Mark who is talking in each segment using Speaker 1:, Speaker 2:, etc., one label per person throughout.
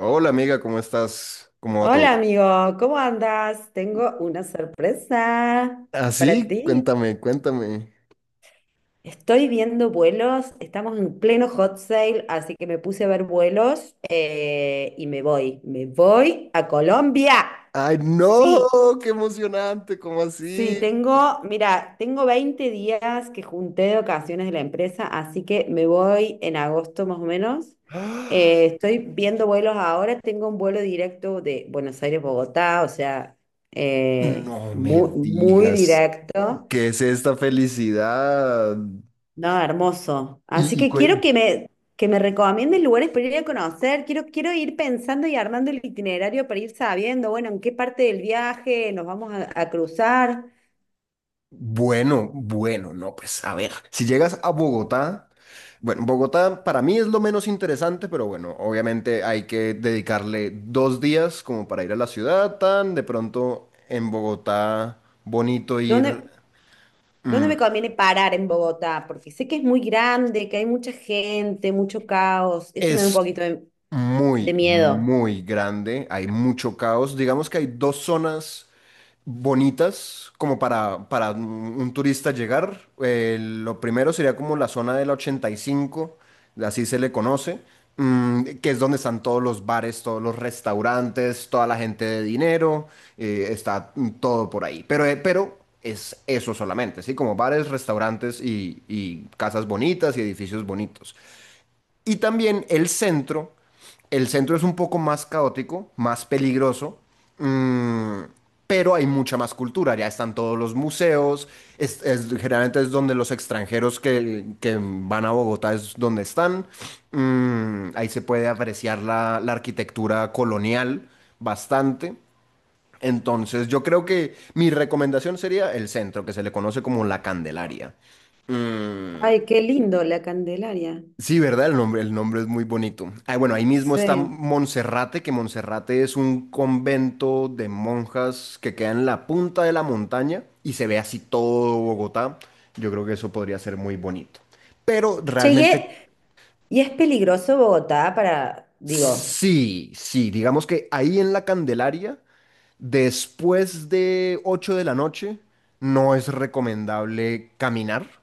Speaker 1: Hola amiga, ¿cómo estás? ¿Cómo va
Speaker 2: Hola
Speaker 1: todo?
Speaker 2: amigo, ¿cómo andas? Tengo una sorpresa para
Speaker 1: ¿Así?
Speaker 2: ti.
Speaker 1: Cuéntame, cuéntame.
Speaker 2: Estoy viendo vuelos, estamos en pleno hot sale, así que me puse a ver vuelos y me voy a Colombia.
Speaker 1: ¡Ay,
Speaker 2: Sí,
Speaker 1: no! ¡Qué emocionante! ¿Cómo
Speaker 2: Sí,
Speaker 1: así?
Speaker 2: tengo, mira, tengo 20 días que junté de ocasiones de la empresa, así que me voy en agosto más o menos.
Speaker 1: ¡Ah!
Speaker 2: Estoy viendo vuelos ahora, tengo un vuelo directo de Buenos Aires-Bogotá, o sea,
Speaker 1: No me
Speaker 2: muy, muy
Speaker 1: digas.
Speaker 2: directo.
Speaker 1: ¿Qué es esta felicidad?
Speaker 2: No, hermoso. Así
Speaker 1: Y, y
Speaker 2: que
Speaker 1: cuen-
Speaker 2: que me recomiendes lugares para ir a conocer. Quiero ir pensando y armando el itinerario para ir sabiendo, bueno, en qué parte del viaje a cruzar.
Speaker 1: bueno, bueno, no, pues a ver, si llegas a Bogotá, bueno, Bogotá para mí es lo menos interesante, pero bueno, obviamente hay que dedicarle 2 días como para ir a la ciudad, tan de pronto en Bogotá bonito ir.
Speaker 2: ¿Dónde? ¿Dónde me
Speaker 1: Mm,
Speaker 2: conviene parar en Bogotá? Porque sé que es muy grande, que hay mucha gente, mucho caos. Eso me da un
Speaker 1: es
Speaker 2: poquito de
Speaker 1: muy,
Speaker 2: miedo.
Speaker 1: muy grande, hay mucho caos. Digamos que hay dos zonas bonitas como para un turista llegar. Lo primero sería como la zona de la 85, así se le conoce, que es donde están todos los bares, todos los restaurantes, toda la gente de dinero. Está, todo por ahí. Pero es eso solamente, ¿sí? Como bares, restaurantes y casas bonitas y edificios bonitos. Y también el centro. El centro es un poco más caótico, más peligroso, mm, pero hay mucha más cultura. Ya están todos los museos. Generalmente es donde los extranjeros que van a Bogotá es donde están. Ahí se puede apreciar la arquitectura colonial bastante. Entonces, yo creo que mi recomendación sería el centro, que se le conoce como la Candelaria. Mm.
Speaker 2: Ay, qué lindo la Candelaria.
Speaker 1: Sí, ¿verdad? El nombre es muy bonito. Ah, bueno, ahí mismo está
Speaker 2: Sí.
Speaker 1: Monserrate, que Monserrate es un convento de monjas que queda en la punta de la montaña y se ve así todo Bogotá. Yo creo que eso podría ser muy bonito. Pero
Speaker 2: Che,
Speaker 1: realmente,
Speaker 2: ¿y es peligroso Bogotá para, digo,
Speaker 1: sí, sí, digamos que ahí en la Candelaria, después de 8 de la noche, no es recomendable caminar,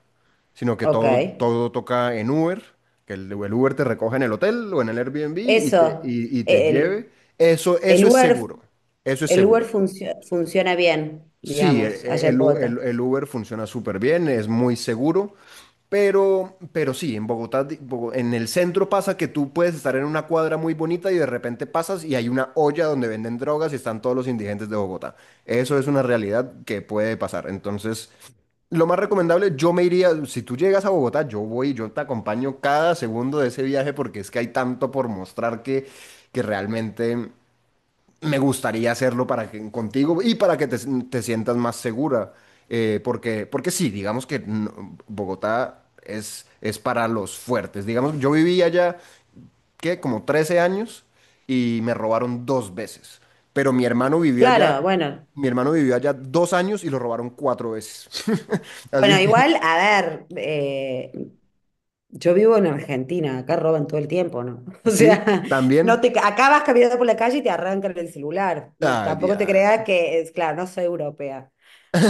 Speaker 1: sino que
Speaker 2: ok,
Speaker 1: todo, todo toca en Uber, que el Uber te recoja en el hotel o en el Airbnb y te,
Speaker 2: eso,
Speaker 1: y, y te
Speaker 2: e, el,
Speaker 1: lleve. Eso,
Speaker 2: el
Speaker 1: eso es
Speaker 2: Uber,
Speaker 1: seguro, eso es
Speaker 2: el Uber
Speaker 1: seguro.
Speaker 2: funciona bien,
Speaker 1: Sí, e-
Speaker 2: digamos, allá
Speaker 1: e-
Speaker 2: en
Speaker 1: el, U- el-
Speaker 2: Bogotá.
Speaker 1: el Uber funciona súper bien, es muy seguro, pero sí, en Bogotá, en el centro pasa que tú puedes estar en una cuadra muy bonita y de repente pasas y hay una olla donde venden drogas y están todos los indigentes de Bogotá. Eso es una realidad que puede pasar. Entonces, lo más recomendable, yo me iría, si tú llegas a Bogotá, yo voy, yo te acompaño cada segundo de ese viaje porque es que hay tanto por mostrar que realmente me gustaría hacerlo para que, contigo y para que te sientas más segura. Porque, porque sí, digamos que Bogotá es para los fuertes. Digamos, yo viví allá, ¿qué? Como 13 años y me robaron dos veces. Pero mi hermano vivió allá,
Speaker 2: Claro, bueno,
Speaker 1: mi hermano vivió allá 2 años y lo robaron cuatro veces.
Speaker 2: bueno,
Speaker 1: Así que
Speaker 2: igual, a ver, yo vivo en Argentina, acá roban todo el tiempo, ¿no? O
Speaker 1: sí,
Speaker 2: sea,
Speaker 1: también.
Speaker 2: no te, acá vas caminando por la calle y te arrancan el celular. No,
Speaker 1: Ah,
Speaker 2: tampoco te
Speaker 1: diablo.
Speaker 2: creas que es, claro, no soy europea.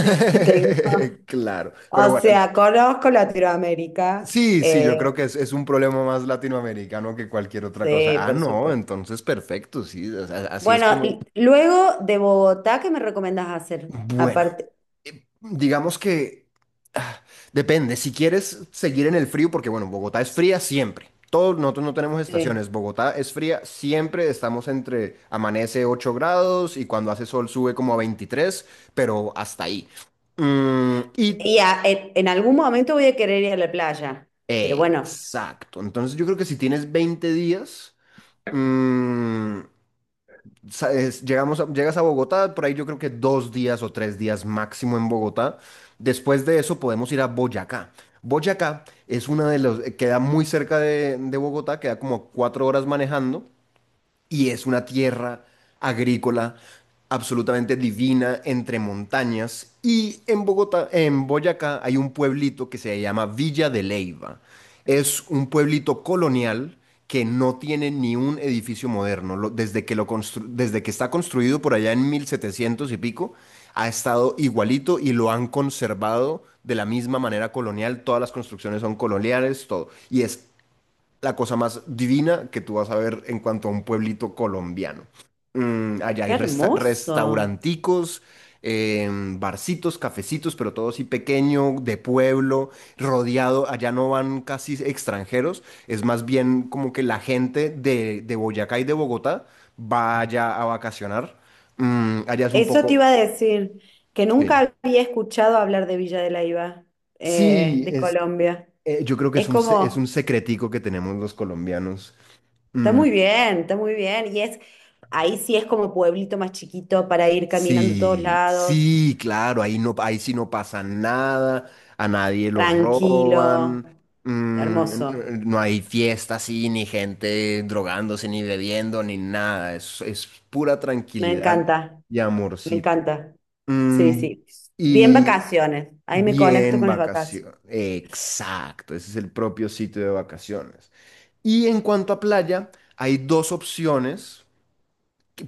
Speaker 2: Tengo-
Speaker 1: Claro. Pero
Speaker 2: o
Speaker 1: bueno.
Speaker 2: sea, conozco Latinoamérica.
Speaker 1: Sí, sí, yo creo que es, un problema más latinoamericano que cualquier otra cosa.
Speaker 2: Sí,
Speaker 1: Ah,
Speaker 2: por
Speaker 1: no,
Speaker 2: supuesto.
Speaker 1: entonces perfecto, sí, o sea, así es
Speaker 2: Bueno,
Speaker 1: como... es.
Speaker 2: y luego de Bogotá, ¿qué me recomendás hacer?
Speaker 1: Bueno,
Speaker 2: Aparte,
Speaker 1: digamos que, ah, depende, si quieres seguir en el frío, porque bueno, Bogotá es fría siempre. Todos nosotros no tenemos
Speaker 2: sí.
Speaker 1: estaciones, Bogotá es fría siempre, estamos entre amanece 8 grados y cuando hace sol sube como a 23, pero hasta ahí. Y
Speaker 2: En algún momento voy a querer ir a la playa. Pero bueno,
Speaker 1: exacto, entonces yo creo que si tienes 20 días... mm, llegas a Bogotá, por ahí yo creo que 2 días o 3 días máximo en Bogotá. Después de eso podemos ir a Boyacá. Boyacá es una de los, queda muy cerca de Bogotá, queda como 4 horas manejando y es una tierra agrícola absolutamente divina entre montañas. Y en Bogotá, en Boyacá, hay un pueblito que se llama Villa de Leyva. Es un pueblito colonial que no tiene ni un edificio moderno. Desde que está construido por allá en 1700 y pico, ha estado igualito y lo han conservado de la misma manera colonial. Todas las construcciones son coloniales, todo. Y es la cosa más divina que tú vas a ver en cuanto a un pueblito colombiano. Allá
Speaker 2: qué
Speaker 1: hay
Speaker 2: hermoso.
Speaker 1: restauranticos, barcitos, cafecitos, pero todo así pequeño, de pueblo, rodeado. Allá no van casi extranjeros, es más bien como que la gente de Boyacá y de Bogotá vaya a vacacionar. Allá es un
Speaker 2: Eso te
Speaker 1: poco...
Speaker 2: iba a decir, que
Speaker 1: Sí,
Speaker 2: nunca había escuchado hablar de Villa de Leyva,
Speaker 1: sí,
Speaker 2: de Colombia.
Speaker 1: yo creo que es
Speaker 2: Es
Speaker 1: un, se- es un
Speaker 2: como,
Speaker 1: secretico que tenemos los colombianos.
Speaker 2: está
Speaker 1: Mm.
Speaker 2: muy bien, está muy bien. Y es, ahí sí es como pueblito más chiquito para ir caminando a todos
Speaker 1: Sí,
Speaker 2: lados,
Speaker 1: sí, claro, ahí no, ahí sí no pasa nada, a nadie lo
Speaker 2: tranquilo,
Speaker 1: roban,
Speaker 2: hermoso.
Speaker 1: no hay fiesta así, ni gente drogándose, ni bebiendo, ni nada, es, pura
Speaker 2: Me
Speaker 1: tranquilidad
Speaker 2: encanta,
Speaker 1: y
Speaker 2: me
Speaker 1: amorcito.
Speaker 2: encanta. Sí,
Speaker 1: Mm,
Speaker 2: sí. Bien
Speaker 1: y
Speaker 2: vacaciones. Ahí me conecto
Speaker 1: bien
Speaker 2: con las vacaciones.
Speaker 1: vacaciones, exacto, ese es el propio sitio de vacaciones. Y en cuanto a playa, hay dos opciones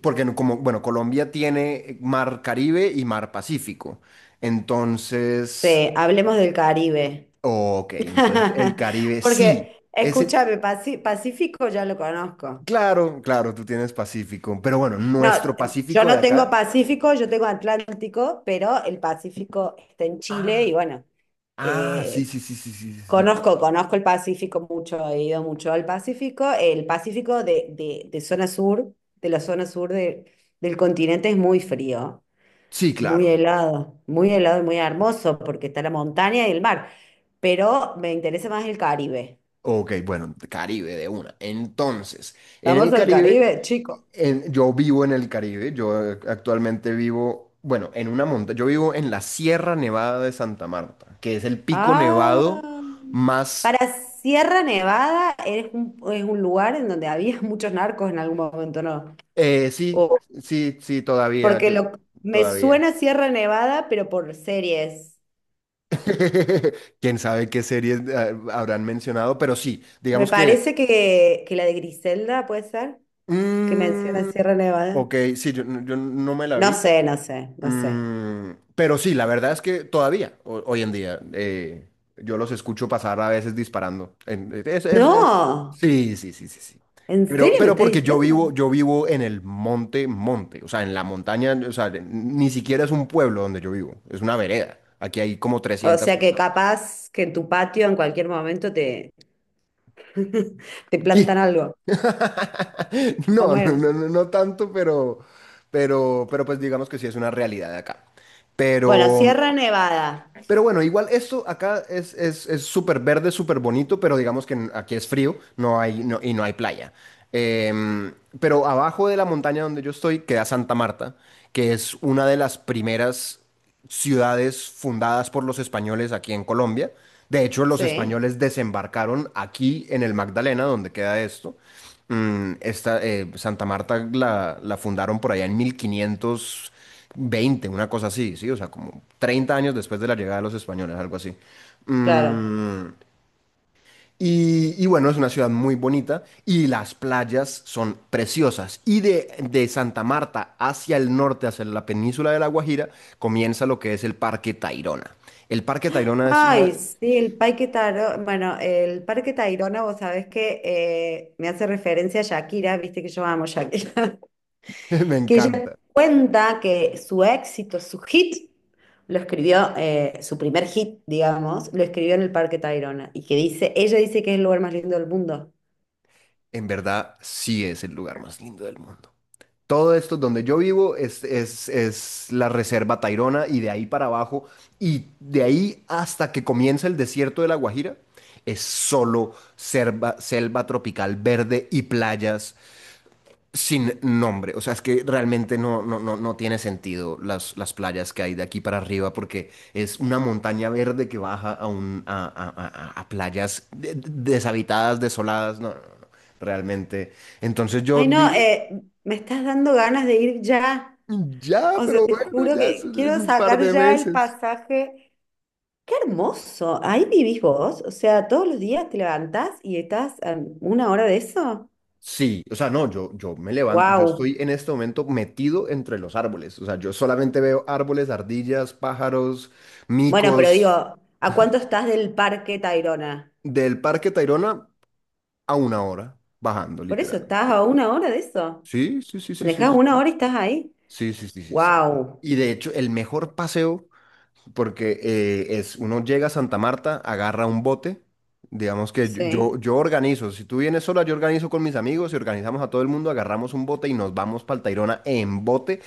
Speaker 1: porque como, bueno, Colombia tiene mar Caribe y mar Pacífico. Entonces.
Speaker 2: Sí, hablemos del Caribe.
Speaker 1: Ok, entonces el Caribe sí.
Speaker 2: Porque,
Speaker 1: Ese,
Speaker 2: escúchame, Pacífico ya lo conozco.
Speaker 1: claro, claro, tú tienes Pacífico, pero bueno,
Speaker 2: No,
Speaker 1: nuestro
Speaker 2: yo
Speaker 1: Pacífico de
Speaker 2: no tengo
Speaker 1: acá.
Speaker 2: Pacífico, yo tengo Atlántico, pero el Pacífico está en Chile
Speaker 1: Ah,
Speaker 2: y bueno,
Speaker 1: ah, sí,
Speaker 2: eh,
Speaker 1: sí, sí, sí, sí, sí, sí,
Speaker 2: conozco,
Speaker 1: claro.
Speaker 2: conozco el Pacífico mucho, he ido mucho al Pacífico. El Pacífico de zona sur, de la zona sur de- del continente es muy frío.
Speaker 1: Sí, claro.
Speaker 2: Muy helado y muy hermoso porque está la montaña y el mar. Pero me interesa más el Caribe.
Speaker 1: Ok, bueno, Caribe de una. Entonces, en el
Speaker 2: Vamos al
Speaker 1: Caribe.
Speaker 2: Caribe, chico.
Speaker 1: Yo vivo en el Caribe. Yo eh, actualmente vivo, bueno, en una montaña, yo vivo en la Sierra Nevada de Santa Marta, que es el pico
Speaker 2: Ah,
Speaker 1: nevado más.
Speaker 2: para Sierra Nevada es un lugar en donde había muchos narcos en algún momento, ¿no?
Speaker 1: Sí
Speaker 2: O-
Speaker 1: sí, sí, todavía,
Speaker 2: porque
Speaker 1: yo,
Speaker 2: lo, me
Speaker 1: todavía.
Speaker 2: suena Sierra Nevada, pero por series.
Speaker 1: Quién sabe qué series habrán mencionado, pero sí,
Speaker 2: Me
Speaker 1: digamos que,
Speaker 2: parece que la de Griselda puede ser, que menciona
Speaker 1: mm,
Speaker 2: Sierra Nevada.
Speaker 1: ok, sí, yo no me la
Speaker 2: No
Speaker 1: vi.
Speaker 2: sé, no sé, no sé.
Speaker 1: Pero sí, la verdad es que todavía, hoy en día, yo los escucho pasar a veces disparando. En- eh, es- es- es-
Speaker 2: No.
Speaker 1: Sí, sí, sí, sí, sí.
Speaker 2: ¿En
Speaker 1: Pero,
Speaker 2: serio me
Speaker 1: pero
Speaker 2: estás
Speaker 1: porque yo
Speaker 2: diciendo?
Speaker 1: vivo, yo vivo en el monte, monte, o sea, en la montaña, o sea, ni siquiera es un pueblo donde yo vivo, es una vereda. Aquí hay como
Speaker 2: O
Speaker 1: trescientas
Speaker 2: sea que
Speaker 1: personas.
Speaker 2: capaz que en tu patio en cualquier momento te, te plantan
Speaker 1: ¿Qué?
Speaker 2: algo. A
Speaker 1: No, no,
Speaker 2: ver,
Speaker 1: no, no, no tanto, pero pues digamos que sí es una realidad de acá.
Speaker 2: bueno,
Speaker 1: Pero
Speaker 2: Sierra Nevada.
Speaker 1: Pero bueno, igual esto acá es, es súper verde, súper bonito, pero digamos que aquí es frío, no hay, no- y no hay playa. Em, pero abajo de la montaña donde yo estoy queda Santa Marta, que es una de las primeras ciudades fundadas por los españoles aquí en Colombia. De hecho, los
Speaker 2: Sí,
Speaker 1: españoles desembarcaron aquí en el Magdalena, donde queda esto. Santa Marta la fundaron por allá en 1520, una cosa así, ¿sí? O sea, como 30 años después de la llegada de los españoles, algo así.
Speaker 2: claro.
Speaker 1: Mm, y bueno, es una ciudad muy bonita y las playas son preciosas. Y de Santa Marta hacia el norte, hacia la península de La Guajira, comienza lo que es el Parque Tayrona. El Parque Tayrona es una...
Speaker 2: Ay, sí, el Parque Tayrona, bueno, el Parque Tayrona, vos sabés que me hace referencia a Shakira, viste que yo amo a Shakira,
Speaker 1: Me
Speaker 2: que ella
Speaker 1: encanta.
Speaker 2: cuenta que su éxito, su hit, su primer hit, digamos, lo escribió en el Parque Tayrona, y que dice, ella dice que es el lugar más lindo del mundo.
Speaker 1: En verdad, sí es el lugar más lindo del mundo. Todo esto donde yo vivo es, es la reserva Tairona, y de ahí para abajo y de ahí hasta que comienza el desierto de La Guajira es solo selva, selva tropical verde y playas sin nombre. O sea, es que realmente no, no, no, no tiene sentido las playas que hay de aquí para arriba, porque es una montaña verde que baja a, un, a playas deshabitadas, desoladas. No, no, no, no, realmente. Entonces yo
Speaker 2: Ay, no, me estás dando ganas de ir ya.
Speaker 1: Ya,
Speaker 2: O sea,
Speaker 1: pero
Speaker 2: te
Speaker 1: bueno,
Speaker 2: juro
Speaker 1: ya es
Speaker 2: que
Speaker 1: en
Speaker 2: quiero
Speaker 1: un par
Speaker 2: sacar
Speaker 1: de
Speaker 2: ya el
Speaker 1: meses.
Speaker 2: pasaje. Qué hermoso. Ahí vivís vos. O sea, todos los días te levantás y estás a una hora de eso.
Speaker 1: Sí, o sea, no, yo me levanto, yo
Speaker 2: Wow.
Speaker 1: estoy en este momento metido entre los árboles, o sea, yo solamente veo árboles, ardillas, pájaros,
Speaker 2: Bueno, pero digo,
Speaker 1: micos,
Speaker 2: ¿a cuánto estás del Parque Tayrona?
Speaker 1: del Parque Tayrona a una hora, bajando,
Speaker 2: Por eso,
Speaker 1: literal.
Speaker 2: estás a una hora de eso.
Speaker 1: Sí, sí, sí, sí, sí,
Speaker 2: Manejás una
Speaker 1: sí,
Speaker 2: hora y estás ahí.
Speaker 1: sí, sí, sí, sí, sí. Sí.
Speaker 2: Wow.
Speaker 1: Y de hecho, el mejor paseo, porque uno llega a Santa Marta, agarra un bote, digamos que yo, yo
Speaker 2: Sí.
Speaker 1: yo organizo, si tú vienes sola, yo organizo con mis amigos y organizamos a todo el mundo, agarramos un bote y nos vamos para el Tayrona en bote,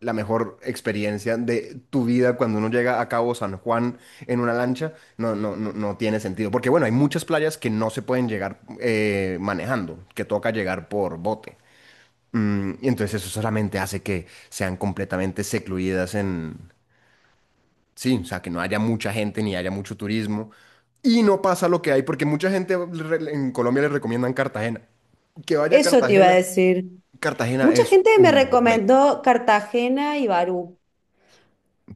Speaker 1: la mejor experiencia de tu vida cuando uno llega a Cabo San Juan en una lancha, no, no, no, no tiene sentido, porque bueno, hay muchas playas que no se pueden llegar manejando, que toca llegar por bote. Y entonces eso solamente hace que sean completamente secluidas en... Sí, o sea, que no haya mucha gente ni haya mucho turismo. Y no pasa lo que hay, porque mucha gente en Colombia le recomiendan Cartagena. Que vaya a
Speaker 2: Eso te iba a
Speaker 1: Cartagena.
Speaker 2: decir.
Speaker 1: Cartagena
Speaker 2: Mucha
Speaker 1: es
Speaker 2: gente me
Speaker 1: un hueco.
Speaker 2: recomendó Cartagena y Barú.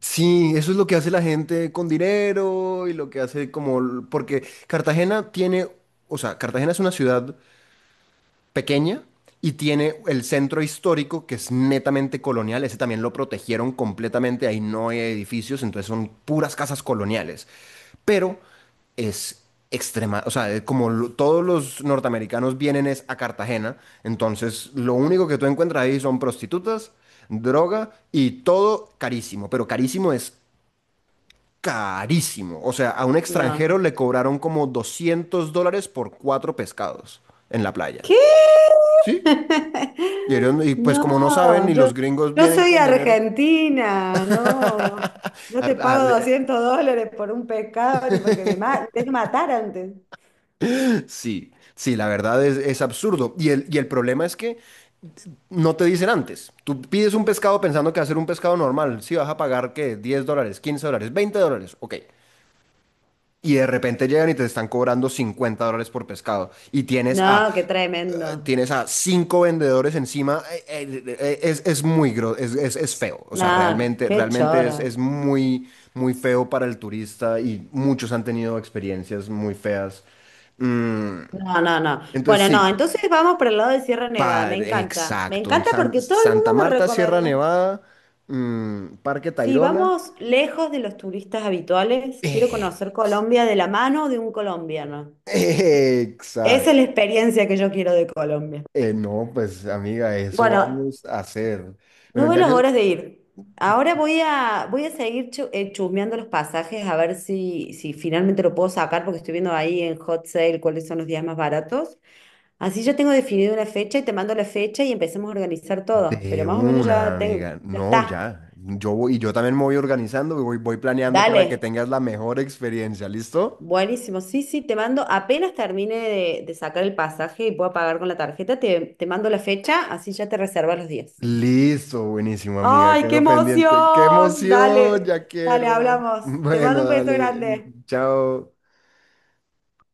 Speaker 1: Sí, eso es lo que hace la gente con dinero y lo que hace como... porque Cartagena tiene, o sea, Cartagena es una ciudad pequeña y tiene el centro histórico, que es netamente colonial, ese también lo protegieron completamente, ahí no hay edificios, entonces son puras casas coloniales, pero es extrema, o sea, como todos los norteamericanos vienen es a Cartagena, entonces lo único que tú encuentras ahí son prostitutas, droga y todo carísimo, pero carísimo es carísimo, o sea, a un extranjero
Speaker 2: No.
Speaker 1: le cobraron como $200 por cuatro pescados en la playa.
Speaker 2: ¿Qué?
Speaker 1: ¿Sí? No, y pues
Speaker 2: No,
Speaker 1: como no saben, ni
Speaker 2: yo,
Speaker 1: los gringos
Speaker 2: yo
Speaker 1: vienen
Speaker 2: soy
Speaker 1: con dinero.
Speaker 2: argentina, no, no
Speaker 1: a-
Speaker 2: te pago
Speaker 1: a-
Speaker 2: $200 por un pescado ni porque me tenés que matar antes.
Speaker 1: sí, sí, la verdad es, absurdo. Y el problema es que no te dicen antes. Tú pides un pescado pensando que va a ser un pescado normal. Si vas a pagar, ¿qué? $10, $15, $20. Ok. Y de repente llegan y te están cobrando $50 por pescado. Y tienes
Speaker 2: No,
Speaker 1: a
Speaker 2: qué tremendo.
Speaker 1: cinco vendedores encima. Es muy gro- es feo. O
Speaker 2: No,
Speaker 1: sea, realmente,
Speaker 2: qué
Speaker 1: realmente
Speaker 2: choro.
Speaker 1: es muy, muy feo para el turista, y muchos han tenido experiencias muy feas. Mm,
Speaker 2: No, no, no.
Speaker 1: entonces,
Speaker 2: Bueno, no,
Speaker 1: sí,
Speaker 2: entonces vamos por el lado de Sierra Nevada, me encanta. Me
Speaker 1: exacto. En
Speaker 2: encanta porque todo el mundo
Speaker 1: Santa
Speaker 2: me
Speaker 1: Marta, Sierra
Speaker 2: recomienda.
Speaker 1: Nevada, Parque
Speaker 2: Sí,
Speaker 1: Tayrona.
Speaker 2: vamos lejos de los turistas habituales. Quiero conocer
Speaker 1: Ex-
Speaker 2: Colombia de la mano de un colombiano. Esa
Speaker 1: Exacto.
Speaker 2: es la experiencia que yo quiero de Colombia.
Speaker 1: No, pues amiga, eso
Speaker 2: Bueno,
Speaker 1: vamos a hacer.
Speaker 2: no
Speaker 1: Bueno,
Speaker 2: veo
Speaker 1: ya
Speaker 2: las
Speaker 1: yo.
Speaker 2: horas de ir. Ahora voy a seguir chusmeando los pasajes a ver si, si finalmente lo puedo sacar porque estoy viendo ahí en Hot Sale cuáles son los días más baratos. Así yo tengo definido una fecha y te mando la fecha y empecemos a organizar todo.
Speaker 1: De
Speaker 2: Pero más o menos
Speaker 1: una,
Speaker 2: ya tengo,
Speaker 1: amiga.
Speaker 2: ya
Speaker 1: No,
Speaker 2: está.
Speaker 1: ya. Yo voy, y yo también me voy organizando, voy planeando para que
Speaker 2: Dale.
Speaker 1: tengas la mejor experiencia. ¿Listo?
Speaker 2: Buenísimo. Sí, sí, te mando, apenas termine de sacar el pasaje y pueda pagar con la tarjeta, te mando la fecha, así ya te reservas los días.
Speaker 1: Listo, buenísimo, amiga.
Speaker 2: ¡Ay, qué
Speaker 1: Quedo pendiente. ¡Qué
Speaker 2: emoción!
Speaker 1: emoción!
Speaker 2: Dale,
Speaker 1: Ya
Speaker 2: dale,
Speaker 1: quiero.
Speaker 2: hablamos. Te mando
Speaker 1: Bueno,
Speaker 2: un beso
Speaker 1: dale.
Speaker 2: grande.
Speaker 1: Chao.